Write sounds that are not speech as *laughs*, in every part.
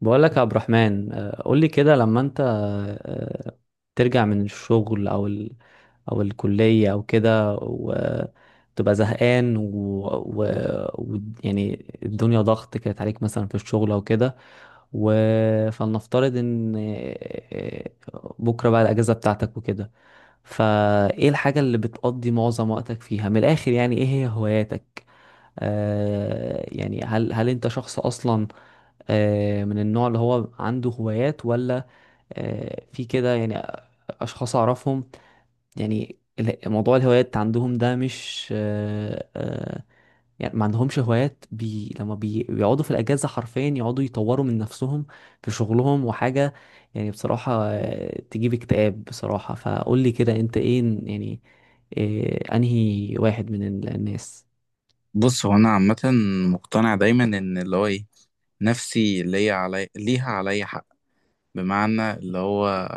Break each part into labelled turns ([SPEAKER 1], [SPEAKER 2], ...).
[SPEAKER 1] بقول لك يا عبد الرحمن، قول لي كده لما انت آه، ترجع من الشغل او الكلية او كده وتبقى زهقان، و... يعني الدنيا ضغط كانت عليك مثلا في الشغل او كده. و... فلنفترض ان بكرة بقى الاجازة بتاعتك وكده. فايه الحاجة اللي بتقضي معظم وقتك فيها، من الاخر يعني ايه هي هواياتك؟ يعني هل انت شخص اصلا من النوع اللي هو عنده هوايات؟ ولا في كده يعني أشخاص أعرفهم، يعني موضوع الهوايات عندهم ده مش يعني ما عندهمش هوايات. بي لما بي بيقعدوا في الأجازة حرفيا يقعدوا يطوروا من نفسهم في شغلهم وحاجة. يعني بصراحة تجيب اكتئاب بصراحة. فقول لي كده، أنت إيه يعني، أنهي واحد من الناس؟
[SPEAKER 2] بص، هو انا عامه مقتنع دايما ان اللي هو ايه، نفسي ليا علي ليها عليا حق. بمعنى اللي هو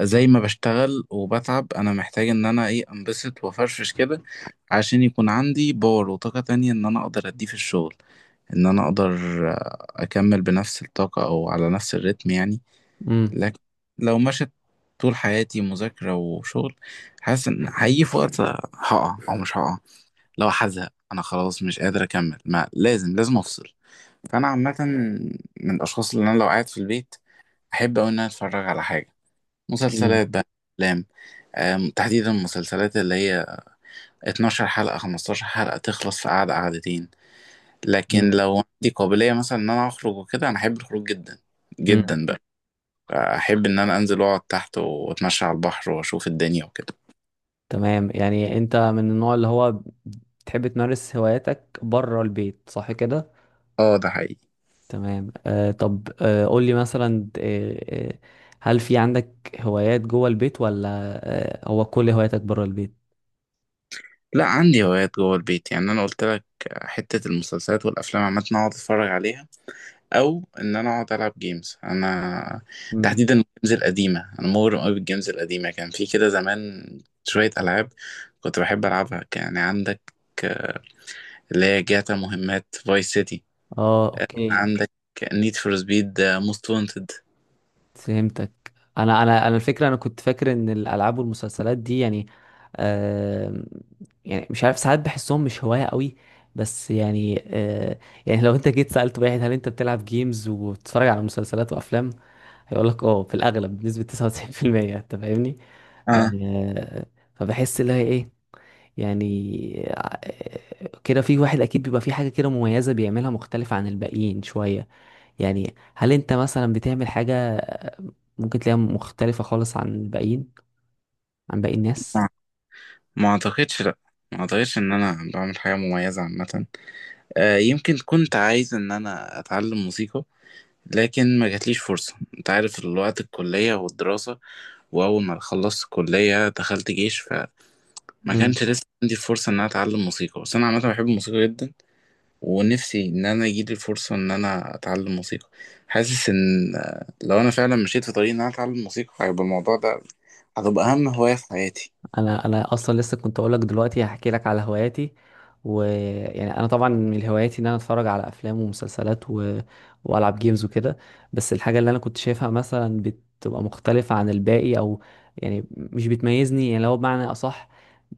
[SPEAKER 2] زي ما بشتغل وبتعب، انا محتاج ان انا ايه انبسط وافرفش كده عشان يكون عندي باور وطاقه تانية ان انا اقدر اديه في الشغل. ان انا اقدر اكمل بنفس الطاقه او على نفس الريتم يعني.
[SPEAKER 1] مم.
[SPEAKER 2] لكن لو مشت طول حياتي مذاكره وشغل، حاسس ان هيجي في وقت هقع او مش هقع. لو هزهق انا خلاص مش قادر اكمل، ما لازم لازم افصل. فانا عامه من الاشخاص اللي انا لو قاعد في البيت احب أوي ان انا اتفرج على حاجه،
[SPEAKER 1] مم.
[SPEAKER 2] مسلسلات بقى، افلام. تحديدا المسلسلات اللي هي 12 حلقه 15 حلقه تخلص في قعده قعدتين. لكن
[SPEAKER 1] مم.
[SPEAKER 2] لو عندي قابليه مثلا ان انا اخرج وكده، انا احب الخروج جدا
[SPEAKER 1] مم.
[SPEAKER 2] جدا بقى. احب ان انا انزل واقعد تحت واتمشى على البحر واشوف الدنيا وكده.
[SPEAKER 1] تمام، يعني انت من النوع اللي هو تحب تمارس هواياتك بره البيت، صح كده؟
[SPEAKER 2] اه، ده حقيقي.
[SPEAKER 1] تمام. طب، قول لي مثلا، هل في عندك هوايات جوه البيت؟ ولا هو كل هواياتك بره البيت؟
[SPEAKER 2] لا، عندي هوايات جوه البيت، يعني انا قلت لك، حته المسلسلات والافلام عامه أنا اقعد اتفرج عليها، او ان انا اقعد العب جيمز. انا
[SPEAKER 1] امم
[SPEAKER 2] تحديدا الجيمز القديمه، انا مغرم قوي بالجيمز القديمه. كان في كده زمان شويه العاب كنت بحب العبها، يعني عندك اللي هي جاتا مهمات فايس سيتي،
[SPEAKER 1] اه، اوكي،
[SPEAKER 2] عندك نيد فور سبيد موست وانتد.
[SPEAKER 1] فهمتك. انا، الفكره انا كنت فاكر ان الالعاب والمسلسلات دي يعني، آه يعني مش عارف، ساعات بحسهم مش هوايه قوي، بس يعني يعني لو انت جيت سالت واحد هل انت بتلعب جيمز وبتتفرج على مسلسلات وافلام، هيقول لك اه في الاغلب بنسبه 99%. انت فاهمني؟
[SPEAKER 2] اه،
[SPEAKER 1] آه فبحس اللي هي ايه، يعني كده في واحد اكيد بيبقى في حاجه كده مميزه بيعملها مختلفه عن الباقيين شويه. يعني هل انت مثلا بتعمل حاجة ممكن تلاقيها مختلفة خالص عن الباقيين، عن باقي الناس؟
[SPEAKER 2] ما ما اعتقدش. لا، ما اعتقدش ان انا بعمل حاجه مميزه عامه. آه، يمكن كنت عايز ان انا اتعلم موسيقى، لكن ما جاتليش فرصة. انت عارف الوقت، الكلية والدراسة، واول ما خلصت الكلية دخلت جيش، فما
[SPEAKER 1] مم.
[SPEAKER 2] كانش لسه عندي الفرصة ان انا اتعلم موسيقى. بس انا عامة بحب الموسيقى جدا، ونفسي ان انا يجيلي الفرصة ان انا اتعلم موسيقى. حاسس ان لو انا فعلا مشيت في طريق ان انا اتعلم موسيقى، هيبقى الموضوع ده، هتبقى اهم هواية في حياتي.
[SPEAKER 1] انا اصلا لسه كنت اقول لك دلوقتي هحكي لك على هواياتي. ويعني انا طبعا من هواياتي ان انا اتفرج على افلام ومسلسلات، والعب جيمز وكده. بس الحاجه اللي انا كنت شايفها مثلا بتبقى مختلفه عن الباقي، او يعني مش بتميزني، يعني لو بمعنى اصح،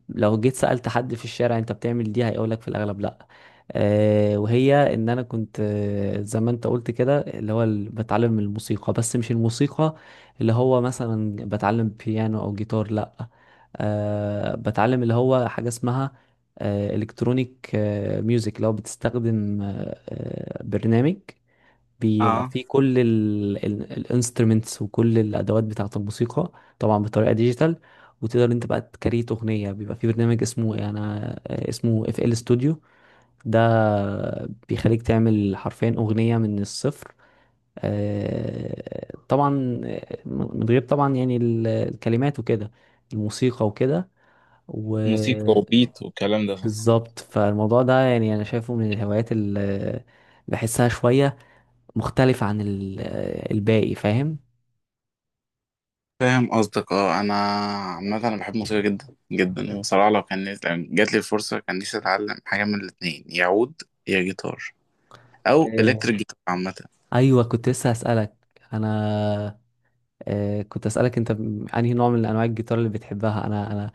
[SPEAKER 1] لو جيت سألت حد في الشارع انت بتعمل دي، هيقولك في الاغلب لا. أه، وهي ان انا كنت، زي ما انت قلت كده، اللي هو بتعلم الموسيقى. بس مش الموسيقى اللي هو مثلا بتعلم بيانو او جيتار، لا. بتعلم اللي هو حاجة اسمها الكترونيك ميوزك. لو بتستخدم برنامج بيبقى
[SPEAKER 2] اه،
[SPEAKER 1] فيه كل الانسترومنتس وكل الادوات بتاعة الموسيقى، طبعا بطريقة ديجيتال، وتقدر انت بقى تكريت اغنية. بيبقى فيه برنامج اسمه، انا آه، اسمه FL Studio. ده بيخليك تعمل حرفيا اغنية من الصفر. طبعا من غير طبعا يعني الكلمات وكده، الموسيقى وكده،
[SPEAKER 2] موسيقى
[SPEAKER 1] وبالظبط.
[SPEAKER 2] وبيت والكلام ده.
[SPEAKER 1] فالموضوع ده يعني انا شايفه من الهوايات اللي بحسها شوية مختلفة عن الباقي، فاهم؟
[SPEAKER 2] فاهم قصدك. اه، انا عامه انا بحب الموسيقى جدا جدا بصراحه. لو كان، لو جات لي الفرصه، كان نفسي اتعلم حاجه من الاثنين، يا عود يا جيتار او
[SPEAKER 1] إيه.
[SPEAKER 2] الكتريك جيتار عامه.
[SPEAKER 1] ايوه، كنت لسه هسألك. انا كنت اسألك انت انهي نوع من انواع الجيتار اللي بتحبها. انا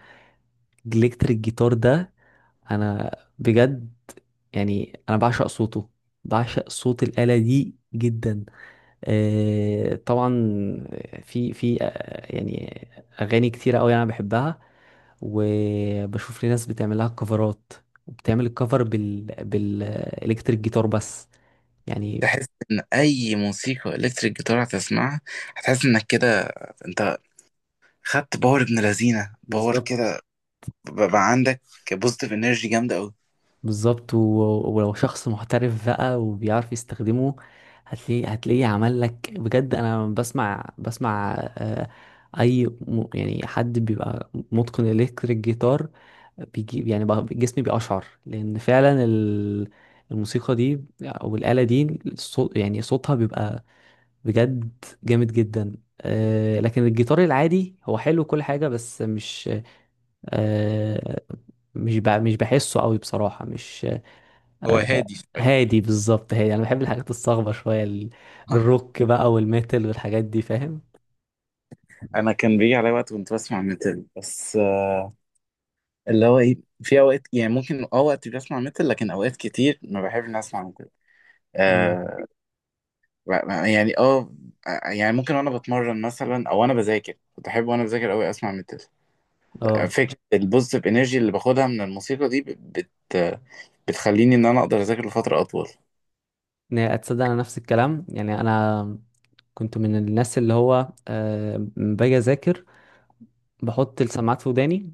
[SPEAKER 1] الكتريك جيتار ده، انا بجد يعني انا بعشق صوته، بعشق صوت الآلة دي جدا. طبعا في في يعني اغاني كتيره قوي انا بحبها، وبشوف لي ناس بتعملها كفرات، وبتعمل الكفر بالالكتريك جيتار بس يعني.
[SPEAKER 2] تحس ان اي موسيقى الكتريك جيتار هتسمعها، هتحس انك كده انت خدت باور، ابن لذينه باور
[SPEAKER 1] بالظبط.
[SPEAKER 2] كده. بقى عندك بوزيتيف انرجي جامده قوي.
[SPEAKER 1] بالظبط، ولو شخص محترف بقى وبيعرف يستخدمه، هتلاقيه عمل لك بجد. انا بسمع اي يعني حد بيبقى متقن الكتريك جيتار، بيجي يعني جسمي بيقشعر، لان فعلا الموسيقى دي او الآلة دي، الصوت يعني صوتها بيبقى بجد جامد جدا. لكن الجيتار العادي هو حلو كل حاجة، بس آه، مش بحسه قوي بصراحة. مش
[SPEAKER 2] هو هادي شويه.
[SPEAKER 1] هادي بالظبط، هادي، انا بحب الحاجات الصاخبه شويه،
[SPEAKER 2] آه.
[SPEAKER 1] الروك بقى والميتال والحاجات دي، فاهم؟
[SPEAKER 2] انا كان بيجي علي وقت كنت بسمع ميتال، بس اللي هو ايه، في اوقات يعني ممكن اه وقت بسمع ميتال، لكن اوقات كتير ما بحبش إني اسمع.
[SPEAKER 1] مم.
[SPEAKER 2] آه يعني اه يعني ممكن وانا بتمرن مثلا، او انا بذاكر، كنت احب وانا بذاكر قوي اسمع ميتال.
[SPEAKER 1] اه،
[SPEAKER 2] فكره البوزيتيف انرجي اللي باخدها من الموسيقى دي بتخليني ان انا اقدر اذاكر لفتره اطول.
[SPEAKER 1] يعني اتصدق انا نفس الكلام، يعني انا كنت من الناس اللي هو لما باجي اذاكر بحط السماعات في وداني،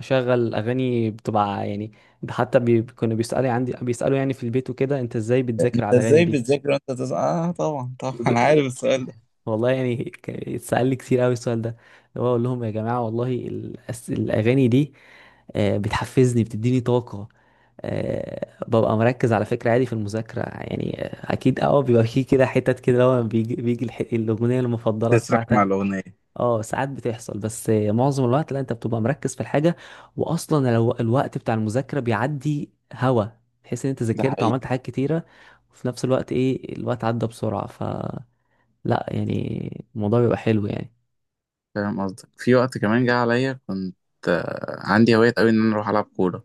[SPEAKER 1] اشغل اغاني بتبقى يعني، حتى كانوا بيسالوا عندي، بيسالوا يعني في البيت وكده، انت ازاي بتذاكر
[SPEAKER 2] انت
[SPEAKER 1] على الاغاني
[SPEAKER 2] ازاي
[SPEAKER 1] دي؟
[SPEAKER 2] بتذاكر وانت اه طبعا طبعا *laughs* انا
[SPEAKER 1] وب-
[SPEAKER 2] عارف
[SPEAKER 1] و-
[SPEAKER 2] السؤال ده.
[SPEAKER 1] والله يعني، اتسأل لي كتير قوي السؤال ده، اللي هو اقول لهم يا جماعه والله الاغاني دي بتحفزني، بتديني طاقه، ببقى مركز على فكره عادي في المذاكره يعني. اكيد اه، بيبقى في كده حتت كده، لما بيجي الاغنيه المفضله
[SPEAKER 2] تسرح مع
[SPEAKER 1] بتاعتك.
[SPEAKER 2] الأغنية.
[SPEAKER 1] اه ساعات بتحصل، بس معظم الوقت لا. انت بتبقى مركز في الحاجه، واصلا الوقت بتاع المذاكره بيعدي هوا، تحس ان انت
[SPEAKER 2] ده
[SPEAKER 1] ذاكرت
[SPEAKER 2] حقيقي.
[SPEAKER 1] وعملت حاجات كتيره، وفي نفس الوقت ايه الوقت عدى بسرعه، لا يعني الموضوع بيبقى حلو يعني.
[SPEAKER 2] فاهم قصدك. في وقت كمان جه عليا كنت عندي هواية قوي إن أنا أروح ألعب كورة.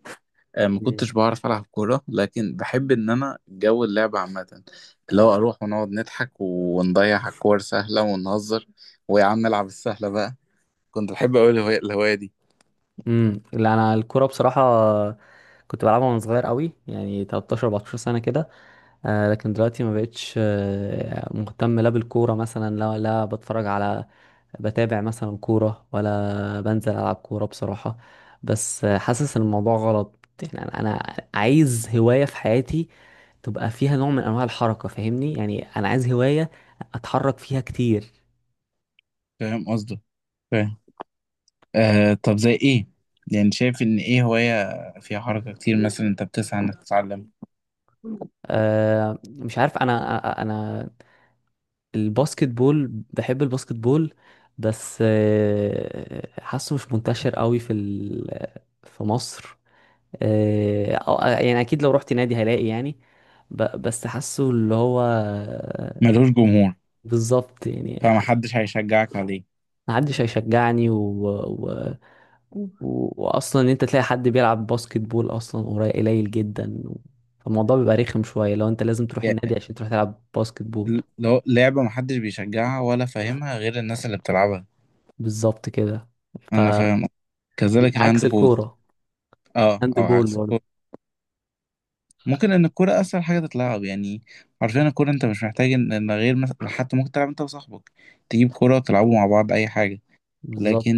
[SPEAKER 2] ما
[SPEAKER 1] مم.
[SPEAKER 2] كنتش بعرف ألعب كورة، لكن بحب إن أنا جو اللعب عامة. اللي هو أروح ونقعد نضحك ونضيع على الكور سهلة ونهزر، ويا عم العب السهلة بقى. كنت بحب أوي الهواية دي.
[SPEAKER 1] لا انا الكوره بصراحه كنت بلعبها وانا صغير قوي يعني 13 14 سنه كده. لكن دلوقتي ما بقتش مهتم، لا بالكوره مثلا، لا لا بتفرج على بتابع مثلا كوره، ولا بنزل العب كوره بصراحه. بس حاسس ان الموضوع غلط يعني. أنا عايز هوايه في حياتي تبقى فيها نوع من انواع الحركه، فاهمني؟ يعني انا عايز هوايه اتحرك فيها كتير.
[SPEAKER 2] فاهم قصدك، فاهم. آه، طب زي ايه، يعني شايف ان ايه هواية فيها حركة كتير مثلا انت بتسعى انك تتعلم.
[SPEAKER 1] مش عارف. انا، انا الباسكت بول بحب الباسكت بول، بس حاسه مش منتشر قوي في في مصر. يعني اكيد لو رحت نادي هلاقي يعني، بس حاسه اللي هو
[SPEAKER 2] ملوش جمهور.
[SPEAKER 1] بالظبط يعني.
[SPEAKER 2] فمحدش هيشجعك عليه.
[SPEAKER 1] محدش هيشجعني، و... واصلا ان انت تلاقي حد بيلعب باسكت بول اصلا قريب قليل جدا، فالموضوع بيبقى رخم شوية لو انت لازم تروح النادي
[SPEAKER 2] يعني
[SPEAKER 1] عشان تروح تلعب باسكت بول.
[SPEAKER 2] لو لعبة محدش بيشجعها ولا فاهمها غير الناس اللي بتلعبها.
[SPEAKER 1] بالظبط كده. ف
[SPEAKER 2] انا فاهم. كذلك
[SPEAKER 1] عكس
[SPEAKER 2] الهاند بول.
[SPEAKER 1] الكورة،
[SPEAKER 2] اه،
[SPEAKER 1] الهاند
[SPEAKER 2] او
[SPEAKER 1] بول
[SPEAKER 2] عكس.
[SPEAKER 1] برضه
[SPEAKER 2] ممكن ان الكوره اسهل حاجه تتلعب، يعني عارفين الكوره انت مش محتاج ان إن غير مثلا، حتى ممكن تلعب انت وصاحبك، تجيب كوره وتلعبوا مع بعض اي حاجه.
[SPEAKER 1] بالظبط.
[SPEAKER 2] لكن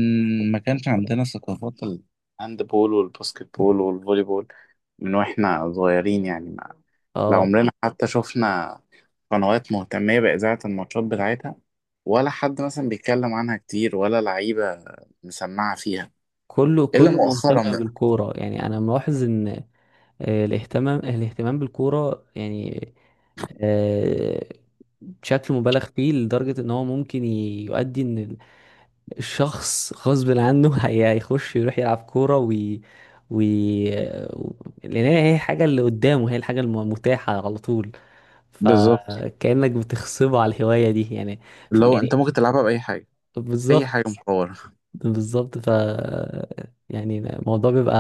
[SPEAKER 2] ما كانش عندنا ثقافات الهاند بول والباسكت بول والفولي بول من واحنا صغيرين، يعني ما. لا،
[SPEAKER 1] اه،
[SPEAKER 2] عمرنا حتى شفنا قنوات مهتمية بإذاعة الماتشات بتاعتها، ولا حد مثلا بيتكلم عنها كتير، ولا لعيبة مسمعة فيها
[SPEAKER 1] كله
[SPEAKER 2] إلا
[SPEAKER 1] كله مهتم
[SPEAKER 2] مؤخرا بقى.
[SPEAKER 1] بالكورة يعني. أنا ملاحظ إن الاهتمام بالكورة يعني آه، بشكل مبالغ فيه، لدرجة إن هو ممكن يؤدي إن الشخص غصب عنه *laughs* هيخش يروح يلعب كورة، وي و- لأن هي الحاجة اللي قدامه، هي الحاجة المتاحة على طول،
[SPEAKER 2] بالظبط،
[SPEAKER 1] فكأنك بتخصبه على الهواية دي يعني.
[SPEAKER 2] اللي هو أنت
[SPEAKER 1] يعني
[SPEAKER 2] ممكن تلعبها بأي حاجة، أي
[SPEAKER 1] بالظبط
[SPEAKER 2] حاجة مصورها.
[SPEAKER 1] بالظبط. يعني الموضوع بيبقى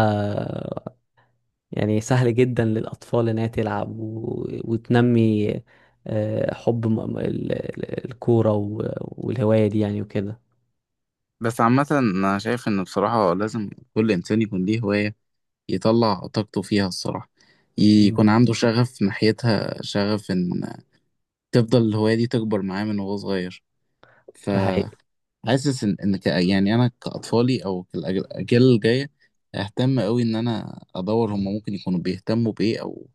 [SPEAKER 1] يعني سهل جدا للأطفال إنها تلعب وتنمي حب الكورة والهواية دي يعني وكده.
[SPEAKER 2] بس عامة أنا شايف إن بصراحة لازم كل إنسان يكون ليه هواية، يطلع طاقته فيها الصراحة،
[SPEAKER 1] مم.
[SPEAKER 2] يكون عنده شغف ناحيتها، شغف إن تفضل الهواية دي تكبر معاه من وهو صغير.
[SPEAKER 1] ده حقيقي
[SPEAKER 2] فحاسس إن يعني أنا كأطفالي أو الأجيال الجاية، أهتم أوي إن أنا أدور هما ممكن يكونوا بيهتموا بإيه، أو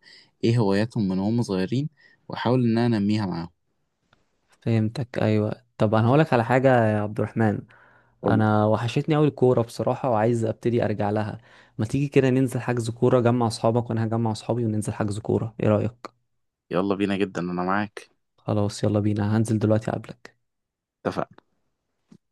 [SPEAKER 2] إيه هواياتهم من وهم صغيرين، وأحاول إن أنا أنميها معاهم.
[SPEAKER 1] فهمتك. أيوة، طب أنا هقولك على حاجة يا عبد الرحمن.
[SPEAKER 2] قولي.
[SPEAKER 1] أنا وحشتني أوي الكورة بصراحة، وعايز أبتدي أرجع لها. ما تيجي كده ننزل حجز كورة، جمع أصحابك وأنا هجمع أصحابي، وننزل حجز كورة، إيه رأيك؟
[SPEAKER 2] يلا بينا، جدا أنا معاك.
[SPEAKER 1] خلاص، يلا بينا، هنزل دلوقتي أقابلك.
[SPEAKER 2] اتفقنا.